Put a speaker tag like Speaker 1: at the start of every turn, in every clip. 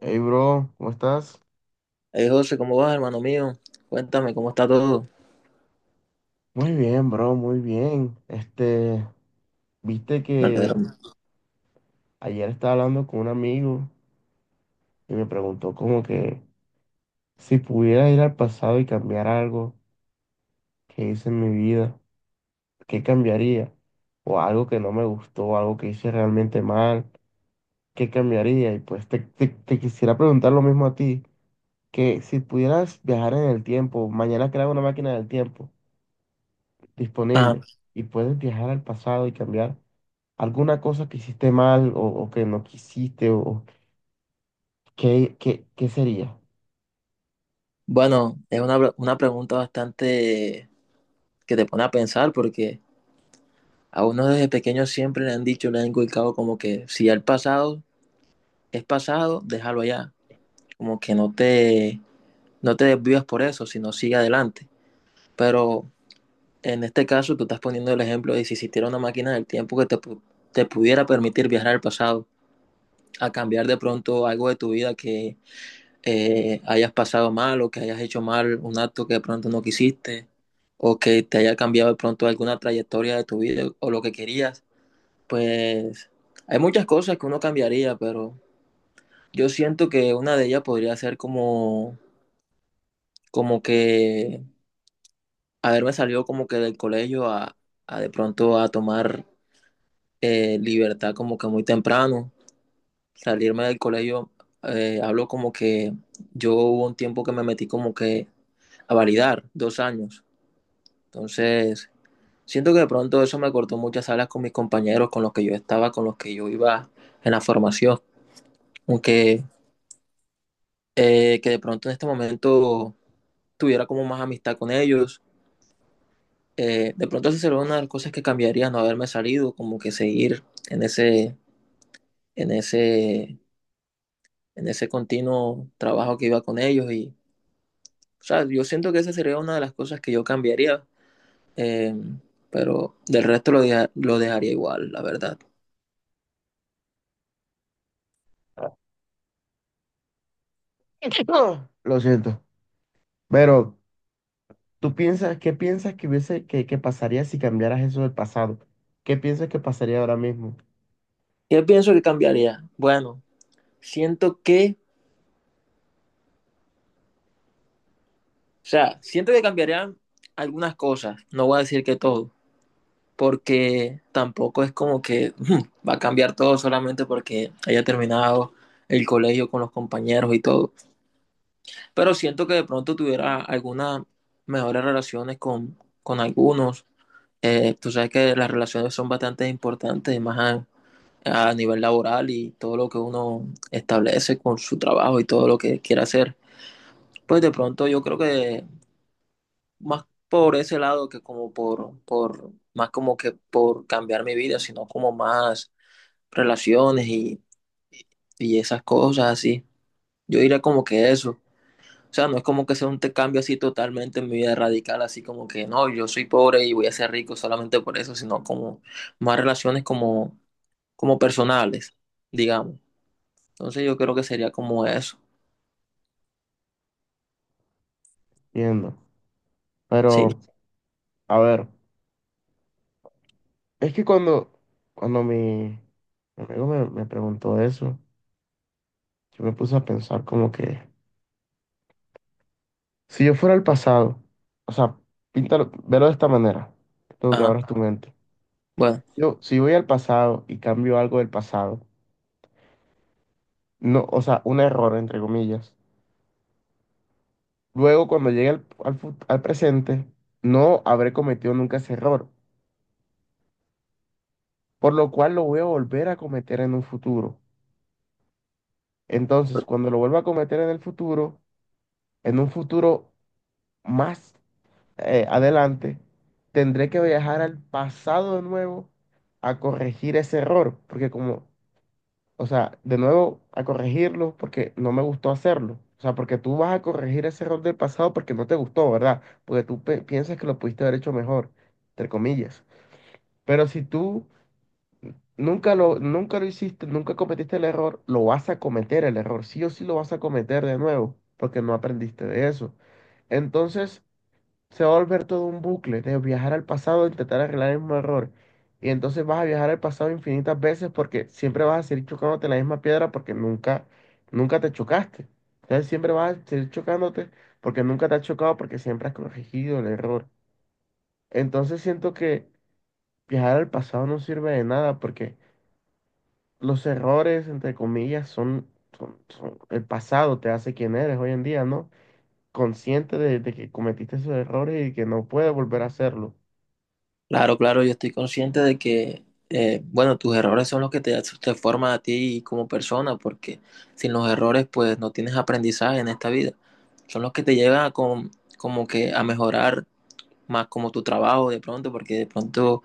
Speaker 1: Hey, bro, ¿cómo estás?
Speaker 2: Hey José, ¿cómo vas, hermano mío? Cuéntame, ¿cómo está todo?
Speaker 1: Muy bien, bro, muy bien. Este, viste que
Speaker 2: Verdadero.
Speaker 1: ayer estaba hablando con un amigo y me preguntó como que si pudiera ir al pasado y cambiar algo que hice en mi vida, ¿qué cambiaría? O algo que no me gustó, algo que hice realmente mal, ¿qué cambiaría? Y pues te quisiera preguntar lo mismo a ti, que si pudieras viajar en el tiempo, mañana crear una máquina del tiempo
Speaker 2: Ah,
Speaker 1: disponible y puedes viajar al pasado y cambiar alguna cosa que hiciste mal o que no quisiste o qué sería.
Speaker 2: bueno, es una, una pregunta bastante que te pone a pensar porque a uno desde pequeño siempre le han dicho, le han inculcado como que si ya el pasado es pasado, déjalo allá. Como que no te desvías por eso, sino sigue adelante. Pero en este caso tú estás poniendo el ejemplo de si existiera una máquina del tiempo que te pudiera permitir viajar al pasado, a cambiar de pronto algo de tu vida que hayas pasado mal o que hayas hecho mal un acto que de pronto no quisiste o que te haya cambiado de pronto alguna trayectoria de tu vida o lo que querías, pues hay muchas cosas que uno cambiaría, pero yo siento que una de ellas podría ser como, como que haberme salido como que del colegio a de pronto a tomar libertad como que muy temprano, salirme del colegio, hablo como que yo hubo un tiempo que me metí como que a validar 2 años. Entonces, siento que de pronto eso me cortó muchas alas con mis compañeros, con los que yo estaba, con los que yo iba en la formación. Aunque que de pronto en este momento tuviera como más amistad con ellos. De pronto esa sería una de las cosas que cambiaría, no haberme salido, como que seguir en ese, en ese, en ese continuo trabajo que iba con ellos. Y, o sea, yo siento que esa sería una de las cosas que yo cambiaría, eh, pero del resto lo dejaría igual, la verdad.
Speaker 1: Lo siento. Pero, ¿tú piensas, qué piensas que hubiese, que pasaría si cambiaras eso del pasado? ¿Qué piensas que pasaría ahora mismo?
Speaker 2: Yo pienso que cambiaría. Bueno, siento que, o sea, siento que cambiarían algunas cosas, no voy a decir que todo, porque tampoco es como que va a cambiar todo solamente porque haya terminado el colegio con los compañeros y todo. Pero siento que de pronto tuviera algunas mejores relaciones con algunos. Tú sabes que las relaciones son bastante importantes, más a nivel laboral y todo lo que uno establece con su trabajo y todo lo que quiera hacer. Pues de pronto yo creo que más por ese lado que como por más como que por cambiar mi vida, sino como más relaciones y esas cosas así. Yo diría como que eso. O sea, no es como que sea un cambio así totalmente en mi vida radical, así como que no, yo soy pobre y voy a ser rico solamente por eso, sino como más relaciones como, como personales, digamos. Entonces yo creo que sería como eso.
Speaker 1: Viendo.
Speaker 2: Sí,
Speaker 1: Pero, a ver, es que cuando mi amigo me preguntó eso, yo me puse a pensar como que, si yo fuera el pasado, o sea, píntalo, velo de esta manera, tú que
Speaker 2: ajá.
Speaker 1: abras tu mente.
Speaker 2: Bueno.
Speaker 1: Yo, si voy al pasado y cambio algo del pasado, no, o sea, un error, entre comillas, luego cuando llegue al, al presente, no habré cometido nunca ese error, por lo cual lo voy a volver a cometer en un futuro. Entonces, cuando lo vuelva a cometer en el futuro, en un futuro más adelante, tendré que viajar al pasado de nuevo a corregir ese error, porque como, o sea, de nuevo, a corregirlo porque no me gustó hacerlo. O sea, porque tú vas a corregir ese error del pasado porque no te gustó, ¿verdad? Porque tú piensas que lo pudiste haber hecho mejor, entre comillas. Pero si tú nunca lo hiciste, nunca cometiste el error, lo vas a cometer el error. Sí o sí lo vas a cometer de nuevo porque no aprendiste de eso. Entonces, se va a volver todo un bucle de viajar al pasado, intentar arreglar el mismo error. Y entonces vas a viajar al pasado infinitas veces porque siempre vas a seguir chocándote en la misma piedra porque nunca te chocaste. Entonces siempre vas a seguir chocándote porque nunca te has chocado porque siempre has corregido el error. Entonces siento que viajar al pasado no sirve de nada porque los errores, entre comillas, el pasado te hace quien eres hoy en día, ¿no? Consciente de que cometiste esos errores y que no puedes volver a hacerlo.
Speaker 2: Claro, claro, yo estoy consciente de que, bueno, tus errores son los que te forman a ti como persona, porque sin los errores, pues no tienes aprendizaje en esta vida. Son los que te llevan a como que a mejorar más como tu trabajo de pronto, porque de pronto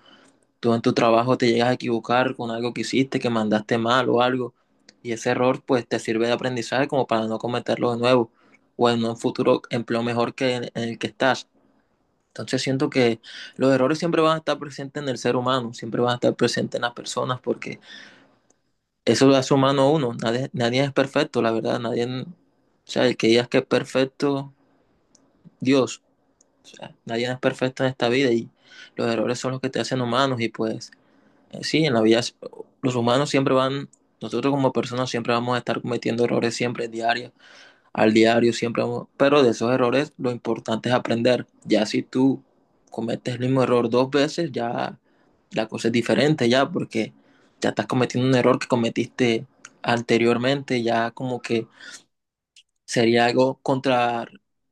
Speaker 2: tú en tu trabajo te llegas a equivocar con algo que hiciste, que mandaste mal o algo, y ese error pues te sirve de aprendizaje como para no cometerlo de nuevo o en un futuro empleo mejor que en el que estás. Entonces siento que los errores siempre van a estar presentes en el ser humano, siempre van a estar presentes en las personas, porque eso lo hace humano a uno. Nadie, nadie es perfecto, la verdad. Nadie, o sea, el que digas que es perfecto, Dios. O sea, nadie es perfecto en esta vida y los errores son los que te hacen humanos. Y pues, sí, en la vida los humanos siempre van, nosotros como personas siempre vamos a estar cometiendo errores siempre diarios al diario, siempre, pero de esos errores lo importante es aprender. Ya si tú cometes el mismo error 2 veces, ya la cosa es diferente, ya, porque ya estás cometiendo un error que cometiste anteriormente, ya como que sería algo contra,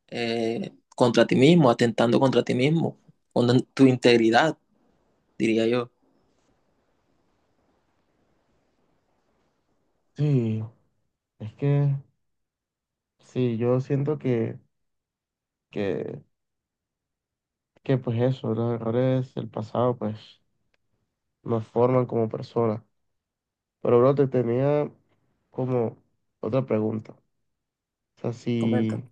Speaker 2: contra ti mismo, atentando contra ti mismo, con tu integridad, diría yo.
Speaker 1: Sí, es que sí, yo siento que, que pues eso, los errores del pasado pues nos forman como personas. Pero bro, te tenía como otra pregunta. O sea,
Speaker 2: Comenta,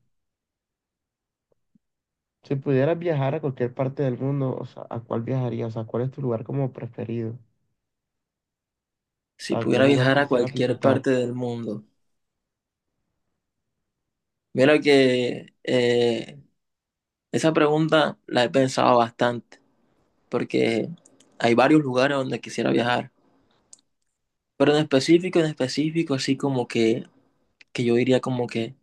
Speaker 1: si pudieras viajar a cualquier parte del mundo, o sea, ¿a cuál viajarías? O sea, ¿cuál es tu lugar como preferido? O
Speaker 2: si
Speaker 1: sea, ¿qué
Speaker 2: pudiera
Speaker 1: lugar
Speaker 2: viajar a
Speaker 1: quisieras
Speaker 2: cualquier
Speaker 1: visitar?
Speaker 2: parte del mundo. Mira que esa pregunta la he pensado bastante porque hay varios lugares donde quisiera viajar. Pero en específico, así como que yo diría como que,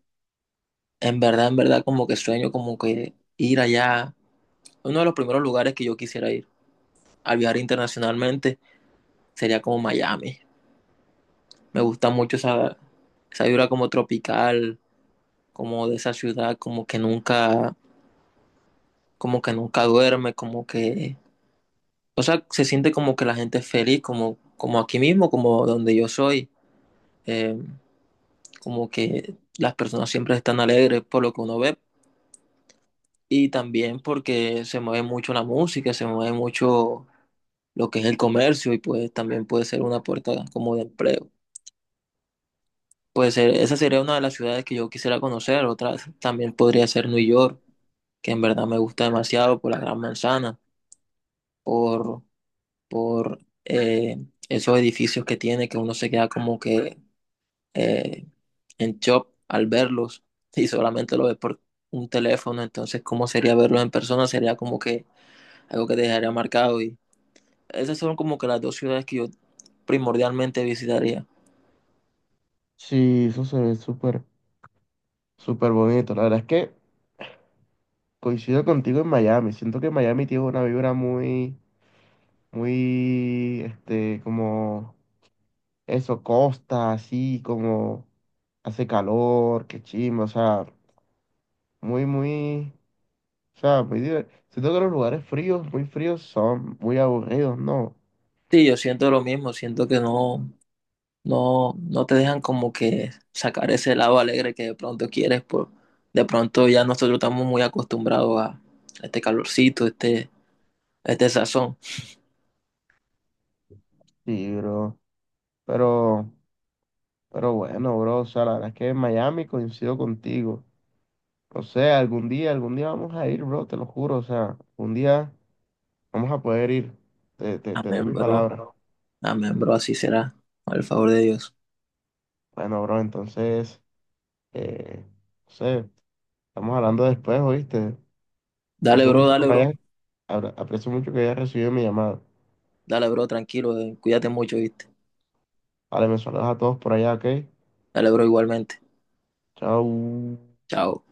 Speaker 2: en verdad, como que sueño como que ir allá. Uno de los primeros lugares que yo quisiera ir al viajar internacionalmente sería como Miami. Me gusta mucho esa, esa vibra como tropical, como de esa ciudad, como que nunca duerme, como que, o sea, se siente como que la gente es feliz, como, como aquí mismo, como donde yo soy. Eh, como que las personas siempre están alegres por lo que uno ve y también porque se mueve mucho la música, se mueve mucho lo que es el comercio y pues también puede ser una puerta como de empleo. Pues esa sería una de las ciudades que yo quisiera conocer, otra también podría ser New York, que en verdad me gusta demasiado por la Gran Manzana, por, por esos edificios que tiene, que uno se queda como que eh, en shop al verlos y solamente lo ves por un teléfono, entonces cómo sería verlos en persona, sería como que algo que te dejaría marcado y esas son como que las dos ciudades que yo primordialmente visitaría.
Speaker 1: Sí, eso se ve súper bonito. La verdad es que coincido contigo en Miami. Siento que Miami tiene una vibra muy muy, este, como eso, costa, así, como hace calor, qué chimba, o sea, muy, muy, o sea, muy divertido. Siento que los lugares fríos, muy fríos, son muy aburridos, ¿no?
Speaker 2: Sí, yo siento lo mismo, siento que no te dejan como que sacar ese lado alegre que de pronto quieres, por, de pronto ya nosotros estamos muy acostumbrados a este calorcito, este sazón.
Speaker 1: Sí, bro, pero, pero bueno, bro, o sea, la verdad es que en Miami coincido contigo. O sea, algún día vamos a ir, bro, te lo juro, o sea, un día vamos a poder ir, te doy
Speaker 2: Amén,
Speaker 1: mi
Speaker 2: bro,
Speaker 1: palabra.
Speaker 2: amén, bro, así será, al favor de Dios.
Speaker 1: Bueno, bro, entonces, eh, no sé. Estamos hablando después, ¿oíste?
Speaker 2: Dale,
Speaker 1: Aprecio
Speaker 2: bro,
Speaker 1: mucho que
Speaker 2: dale,
Speaker 1: me hayas,
Speaker 2: bro.
Speaker 1: aprecio mucho que hayas recibido mi llamada.
Speaker 2: Dale, bro, tranquilo. Cuídate mucho, ¿viste?
Speaker 1: Vale, me saludas a todos por allá, ¿ok?
Speaker 2: Dale, bro, igualmente.
Speaker 1: Chao.
Speaker 2: Chao.